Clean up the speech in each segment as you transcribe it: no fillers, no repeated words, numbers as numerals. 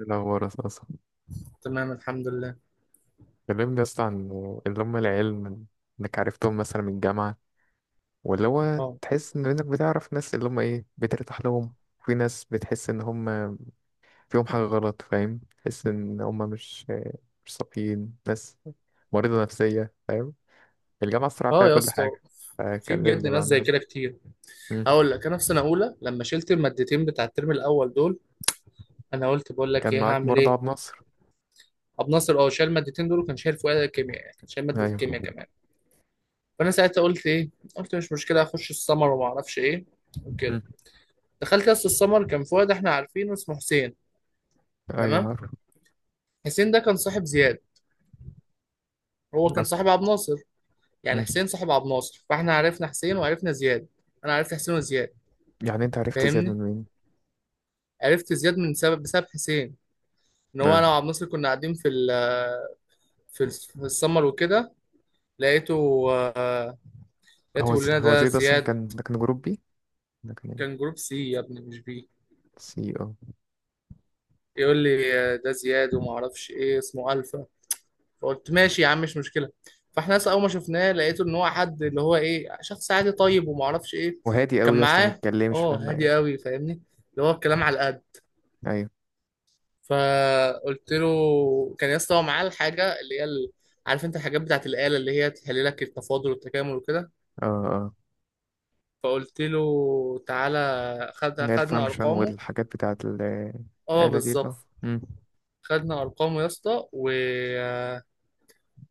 إيه الأخبار يا صاصة؟ تمام، الحمد لله. كلمني يا اسطى عن اللي هم العيال إنك عرفتهم مثلا من الجامعة، ولا هو اه. تحس إن إنك بتعرف ناس اللي هم إيه بترتاح لهم. في ناس بتحس إن هم فيهم حاجة غلط، فاهم؟ تحس إن هم مش صافيين، ناس مريضة نفسية، فاهم؟ الجامعة الصراحة فيها اه يا كل اسطى. حاجة، في بجد فكلمني بقى ناس عن زي الناس دي. كده كتير. مم. هقول لك، انا في سنه اولى لما شلت المادتين بتاع الترم الاول دول، انا قلت بقول لك كان ايه معاك هعمل برضه ايه. عبد الناصر؟ ابو ناصر اه شال المادتين دول، وكان شايل فؤاد الكيمياء، يعني كان شايل ماده أيوه. الكيمياء كمان. فانا ساعتها قلت ايه، قلت مش مشكله اخش السمر وما اعرفش ايه وكده. مم. دخلت يا اسطى السمر، كان فؤاد احنا عارفينه اسمه حسين. أيوه تمام. عارف. حسين ده كان صاحب زياد، هو كان أصلا. صاحب عبد ناصر. يعني مم. حسين صاحب عبد ناصر، فاحنا عرفنا حسين وعرفنا زياد. انا عرفت حسين وزياد. يعني أنت عرفت زياد فاهمني؟ من مين؟ عرفت زياد من سبب بسبب حسين، ان هو آه. انا وعبد الناصر كنا قاعدين في السمر وكده، لقيته، آه، لقيته هو بيقول لنا هو ده زياد أصلا زياد. كان، ده كان جروب بي، ده كان كان إيه؟ جروب سي يا ابني، مش بي. سي، اه. يقول لي ده زياد وما اعرفش ايه، اسمه الفا. فقلت ماشي يا عم، مش مشكله. فاحنا اصلا اول ما شفناه لقيته ان هو حد اللي هو ايه، شخص عادي طيب وما اعرفش ايه. وهادي قوي كان يا اسطى، ما معاه. يتكلمش اه فاهم هادي يعني. قوي، فاهمني. اللي هو الكلام على القد. ايوه. فقلت له كان يا اسطى هو معاه الحاجه اللي هي ال-، عارف انت الحاجات بتاعت الاله اللي هي تحلل لك التفاضل والتكامل وكده. اه. اه فقلت له تعالى خد اللي هي خدنا الفانكشن ارقامه. والحاجات بتاعت اه الآلة دي ده. بالظبط. مم. خدنا ارقامه يا اسطى، و...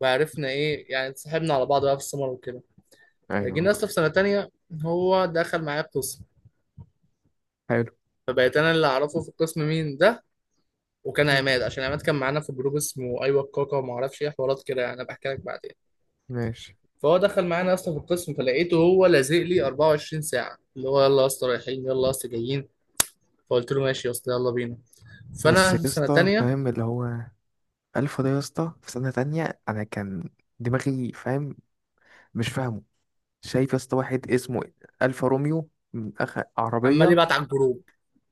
وعرفنا ايه، يعني اتصاحبنا على بعض بقى في السمر وكده. فجينا ايوه. يا اسطى في سنه تانية، هو دخل معايا القسم. حلو. فبقيت انا اللي اعرفه في القسم مين ده. وكان مم. عماد، عشان عماد كان معانا في جروب اسمه ايوه الكاكا وما اعرفش ايه حوارات كده، يعني انا بحكي لك بعدين. ماشي. فهو دخل معانا اصلا في القسم، فلقيته هو لازق لي 24 ساعه، اللي هو يلا يا اسطى رايحين، يلا يا اسطى جايين. فقلت له ماشي يا اسطى يلا بينا. بس فانا يا في سنه اسطى تانية. فاهم اللي هو ألف ده، يا اسطى في سنة تانية أنا كان دماغي فاهم، مش فاهمه. شايف يا اسطى واحد اسمه ألفا روميو من أخ عمال عربية، يبعت على الجروب،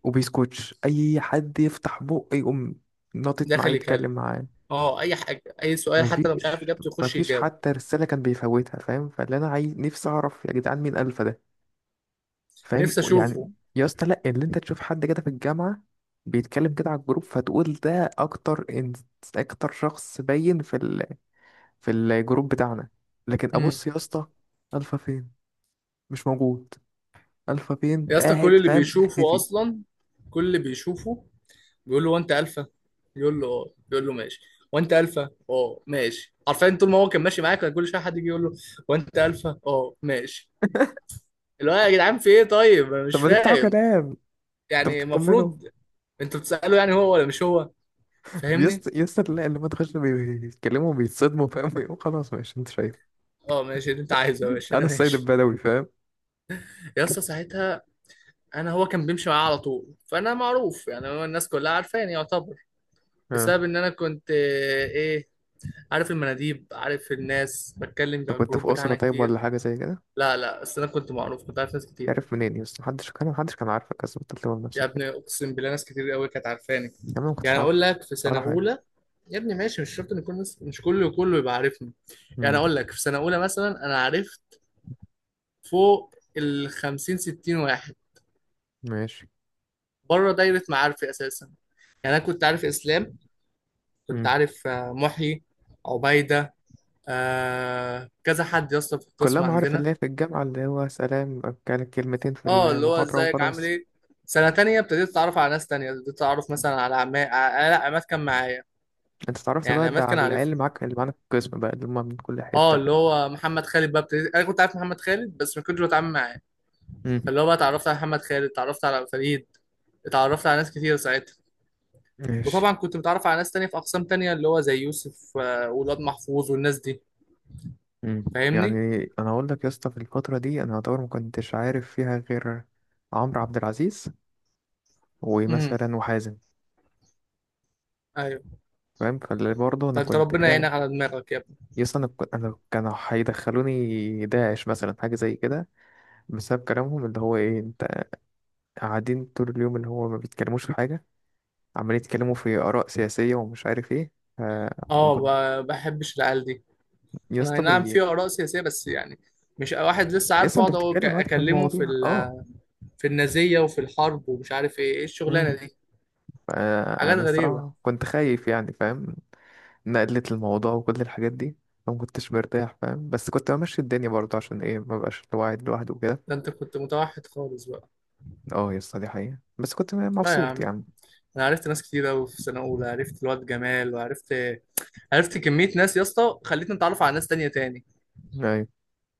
وبيسكوتش أي حد يفتح بقه يقوم ناطط معاه داخل يكلم. يتكلم معاه. اه، اي حاجه، اي سؤال حتى لو مش عارف مفيش، اجابته يخش مفيش يجاوب. حتى رسالة كان بيفوتها فاهم. فاللي أنا عايز نفسي أعرف يا جدعان، مين ألفا ده؟ فاهم نفسي اشوفه. يعني يا اسطى، لأ اللي أنت تشوف حد كده في الجامعة بيتكلم كده على الجروب، فتقول ده أكتر إن... أكتر شخص باين في ال... في الجروب بتاعنا. لكن امم. أبص يا اسطى، ألفا فين؟ مش موجود. ألفا فين يا اسطى كل قاعد اللي فاهم، بيشوفه مختفي. اصلا، كل اللي بيشوفه بيقول له وانت الفا، يقول له اه، يقول له ماشي. وانت الفا اه ماشي. عارفين طول ما هو كان ماشي معاك، كان كل شويه حد يجي يقول له وانت الفا اه ماشي. اللي هو يا جدعان في ايه، طيب انا طب مش ما تفتحوا فاهم. كلام، انت يعني بتطمنوا؟ المفروض انتوا بتسألوا يعني هو ولا مش هو. يا فاهمني؟ اسطى يا اسطى لا، اللي ما تخش بيتكلموا بيتصدموا فاهم، بيقولوا خلاص ماشي انت شايف. اه ماشي، اللي انت عايزه يا باشا انا انا السيد ماشي. البدوي فاهم. يا اسطى ساعتها انا، هو كان بيمشي معايا على طول، فانا معروف، يعني هو الناس كلها عارفاني يعتبر. اه. بسبب ان انا كنت ايه، عارف المناديب، عارف الناس بتكلم انت على كنت الجروب في أسرة بتاعنا طيب ولا كتير. حاجة زي كده؟ لا لا، بس انا كنت معروف، كنت عارف ناس كتير. عارف منين يا اسطى؟ محدش كان، محدش كان عارفك، بس كنت بتلوم يا نفسك ابني كده. اقسم بالله ناس كتير قوي كانت عارفاني. يا عم ما كنتش يعني اقول عارفك لك في سنه ولا حاجة. اولى. يا ابني ماشي، مش شرط ان كل الناس، مش كله كله يبقى عارفني. يعني امم. اقول لك في سنه اولى مثلا انا عرفت فوق ال 50 60 واحد ماشي. بره دايره معارفي اساسا. يعني انا كنت عارف اسلام، كنت امم. عارف محيي، عبيده، آه كذا حد يا اسطى في كلها القسم معارف عندنا. اللي هي في الجامعة، اللي هو سلام كانت كلمتين في اه اللي هو المحاضرة ازيك عامل وخلاص. ايه. سنه تانية ابتديت اتعرف على ناس تانية، ابتديت اتعرف مثلا على عماد. لا عماد كان معايا، انت اتعرفت يعني بقى ده عماد كان على العيال عارف. اللي معاك، اللي معانا في القسم بقى، اللي هما من كل اه حتة. اللي هو محمد خالد بقى ابتديت، انا كنت عارف محمد خالد بس ما كنتش بتعامل معاه. امم. فاللي هو بقى اتعرفت على محمد خالد، اتعرفت على فريد، اتعرفت على ناس كتير ساعتها. ماشي. وطبعا كنت متعرف على ناس تانية في اقسام تانية، اللي هو زي يوسف، والواد محفوظ والناس دي، امم. فاهمني. يعني انا اقول لك يا اسطى في الفترة دي انا اعتبر ما كنتش عارف فيها غير عمرو عبد العزيز، امم. ومثلا وحازم. ايوه. فاهم؟ فاللي برضه انا ده انت كنت ربنا قاعد. يعينك على دماغك يا ابني. يس، انا كنت، انا كانوا هيدخلوني داعش مثلا حاجه زي كده، بسبب كلامهم اللي هو ايه. انت قاعدين طول اليوم اللي هو ما بيتكلموش في حاجه، عمالين يتكلموا في اراء سياسيه ومش عارف ايه. ف، ما اه كنت بحبش العيال دي. يا انا اي اسطى نعم في اراء سياسية بس يعني مش واحد لسه يا عارف اسطى انت اقعد بتتكلم عادي في اكلمه في المواضيع. اه. ال- في النازية وفي الحرب ومش عارف ايه ايه الشغلانة امم. دي. حاجات انا غريبة. الصراحه كنت خايف يعني، فاهم؟ نقلت الموضوع وكل الحاجات دي، فما كنتش مرتاح فاهم، بس كنت بمشي الدنيا برضه عشان ايه ما بقاش قاعد لوحده وكده. ده انت كنت متوحد خالص بقى. اه يا اسطى دي حقيقه، بس كنت لا يا مبسوط عم، يعني. انا عرفت ناس كتير قوي في سنه اولى، عرفت الواد جمال، وعرفت، عرفت كميه ناس يا اسطى خلتني اتعرف على ناس تانية تاني. ايوه.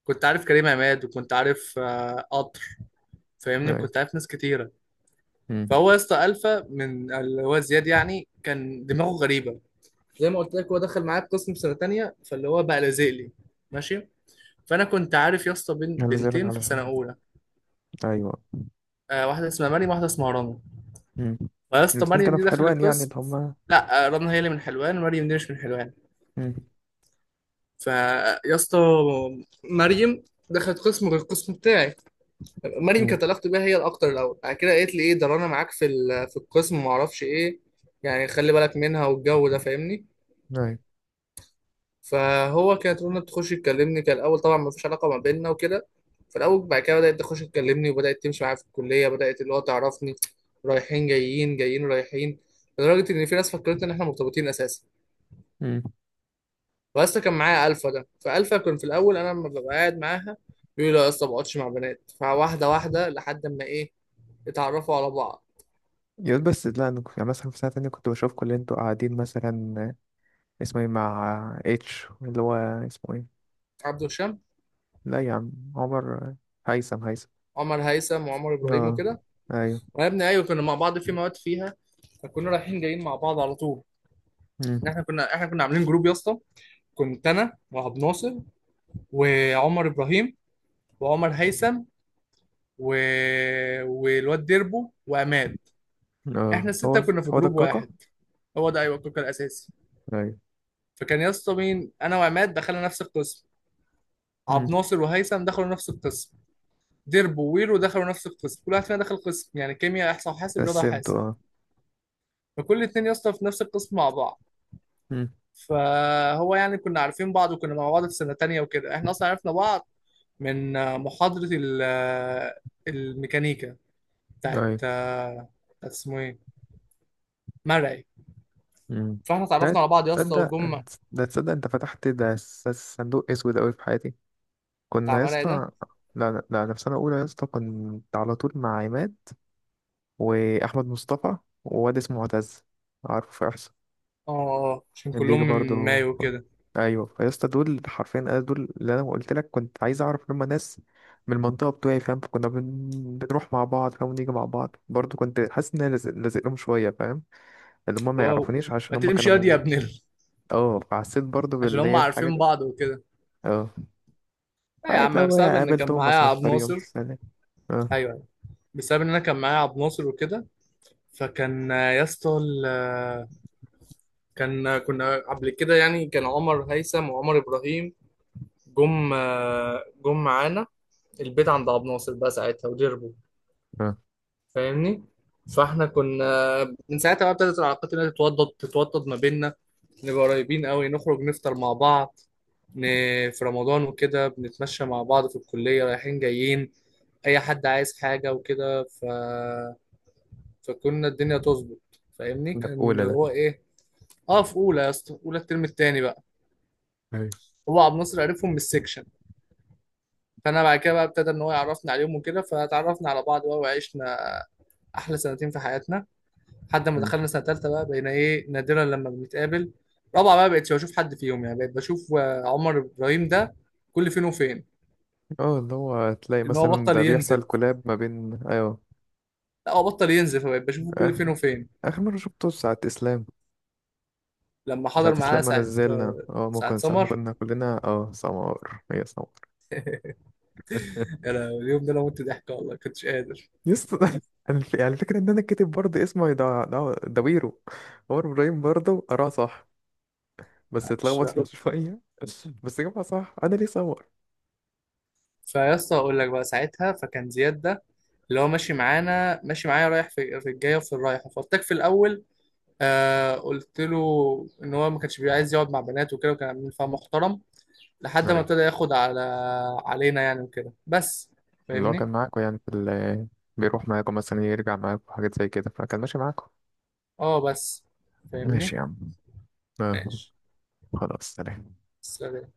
كنت عارف كريم عماد، وكنت عارف قطر. فاهمني؟ ايوه. كنت عارف ناس كتيره. مم. فهو يا اسطى الفا من اللي هو زياد، يعني كان دماغه غريبه. زي ما قلت لك هو دخل معايا القسم في سنه تانية، فاللي هو بقى لازق لي، ماشي. فانا كنت عارف يا اسطى بين على ذلك بنتين في سنه علشان. اولى، ايوه. واحده اسمها مريم، واحده اسمها رنا. امم. فيا اسطى الاثنين مريم كانوا دي في دخلت حلوان يعني اللي القسم. هما. لا رنا هي اللي من حلوان، مريم دي مش من حلوان. امم. فيا اسطى مريم دخلت قسم غير القسم بتاعي. مريم امم. كانت علاقتي بيها هي الاكتر الاول. بعد كده قالت لي ايه ده رنا معاك في ال- في القسم وما اعرفش ايه، يعني خلي بالك منها والجو ده، فاهمني. ايوه. فهو كانت رنا بتخش تكلمني، كان الاول طبعا ما فيش علاقه ما بيننا وكده. في الاول بعد كده بدات تخش تكلمني، وبدات تمشي معايا في الكليه، بدات اللي هو تعرفني، رايحين جايين جايين رايحين، لدرجه ان في ناس فكرت ان احنا مرتبطين اساسا. امم. واسطى كان معايا الفا ده، فالفا كان في الاول انا لما ببقى قاعد معاها بيقول لي لا يا اسطى ما بقعدش مع بنات، فواحده واحده لحد ما ايه، اتعرفوا على بعض. يقول بس لا انا كنت- يعني مثلا في سنه تانية كنت بشوفكم اللي انتوا قاعدين مثلا. اسمه ايه، مع اتش اللي هو اسمه ايه؟ عبد الشام. لا يا عم عمر، هيثم هيثم. عمر هيثم وعمر ابراهيم اه. وكده. ايوه. وانا ابني ايوه كنا مع بعض في مواد فيها، فكنا رايحين جايين مع بعض على طول. امم. ان احنا كنا عاملين جروب يا اسطى. كنت انا وعبد ناصر، وعمر ابراهيم، وعمر هيثم، و...، والواد ديربو وعماد. احنا اه السته هو. كنا في هو ده جروب الكاكا. واحد. هو ده ايوه الكوكا الاساسي. ايوه. فكان يا اسطى مين، انا وعماد دخلنا نفس القسم، امم. عبد ناصر وهيثم دخلوا نفس القسم، ديربو وويرو دخلوا نفس القسم. كل واحد فينا دخل قسم، يعني كيمياء، احصاء وحاسب، رياضه رسمته وحاسب. اه. فكل اتنين يا اسطى في نفس القسم مع بعض. امم. فهو يعني كنا عارفين بعض، وكنا مع بعض في سنه تانية وكده. احنا اصلا عرفنا بعض من محاضره ال- الميكانيكا بتاعت ايوه. بتاعت اسمه ايه، مرعي. امم. فاحنا اتعرفنا ده على بعض يا اسطى تصدق، وجم. ده تصدق انت فتحت ده صندوق اسود اوي في حياتي. بتاع كنا يا مرعي ده. اسطى، لا لا لا، أنا في سنة أولى يا اسطى كنت على طول مع عماد، وأحمد مصطفى، وواد اسمه معتز، عارفه في إحصاء. اه، عشان كان بيجي كلهم من برضه. مايو كده. أيوه. فيا اسطى دول حرفيا، أنا دول اللي أنا قلت لك كنت عايز أعرف لما ناس من المنطقة بتوعي فاهم. فكنا بنروح مع بعض فاهم، ونيجي مع بعض برضه. كنت حاسس إن أنا لازق لهم شوية فاهم، اللي هما اللي ما هو يعرفونيش عشان ما هما تمشي ياض كانوا يا م-. ابن. اه، فحسيت برضه عشان باللي هم هي الحاجة عارفين دي. بعض وكده. اه. لا يا عادي عم، لو بسبب ان كان قابلتهم معايا مثلا في عبد طريقهم ناصر. تسألني. اه. ايوه، أيوة. بسبب ان انا كان معايا عبد ناصر وكده. فكان يا اسطى كان، كنا قبل كده يعني كان عمر هيثم وعمر ابراهيم جم معانا البيت عند عبد ناصر بقى ساعتها ودربوا، اه. فاهمني. فاحنا كنا من ساعتها بقى ابتدت العلاقات اللي هي تتوضد تتوضد ما بيننا، نبقى قريبين قوي، نخرج نفطر مع بعض، ن...، في رمضان وكده بنتمشى مع بعض في الكلية رايحين جايين، اي حد عايز حاجة وكده، ف...، فكنا الدنيا تظبط، فاهمني، ده في كان أولى ده. هو ايه. اه في اولى يا اسطى، اولى الترم التاني بقى. ايوه. هو عبد الناصر عرفهم من السكشن، فانا بعد كده بقى ابتدى ان هو يعرفني عليهم وكده، فتعرفنا على بعض بقى، وعشنا احلى سنتين في حياتنا، لحد ما مم. دخلنا سنه ثالثه بقى بقينا ايه نادرا لما بنتقابل. رابعه بقى بقيتش بشوف حد فيهم، يعني بقيت بشوف عمر ابراهيم ده كل فين وفين. اه اللي هو تلاقي ان هو مثلا بطل ده بيحصل ينزل. كولاب ما بين، ايوه. لا هو بطل ينزل، فبقيت بشوفه آه. كل فين وفين. اخر مره شفته ساعه اسلام. لما ساعه حضر معانا اسلام ما ساعه نزلنا، اه ساعه ممكن ساعه، ممكن سمر. كنا كلنا اه سمار، هي سمار. يا لهوي، اليوم ده انا مت ضحك والله كنتش قادر. يسطا يعني يعني الفكره ان انا كاتب برضه اسمه ده دويرو، عمر ابراهيم برضه قراه صح بس معلش اتلخبط بقى. فيه شويه. بس جابها صح، انا ليه سمار. فيا اسطى اقول لك بقى ساعتها، فكان زياد ده اللي هو ماشي معانا، ماشي معايا رايح في، في الجايه وفي الرايحه، فارتك في الاول. آه قلت له ان هو ما كانش بيبقى عايز يقعد مع بنات وكده، وكان عاملين فيها محترم، لحد ما ايوه. ابتدى ياخد على علينا يعني وكده بس. اللي هو كان فاهمني. معاكم يعني في ال، بيروح معاكم مثلا يرجع معاكم حاجات زي كده، فكان ماشي معاكم. اه بس، ماشي فاهمني. يا عم. آه. ماشي. خلاص سلام. سلام.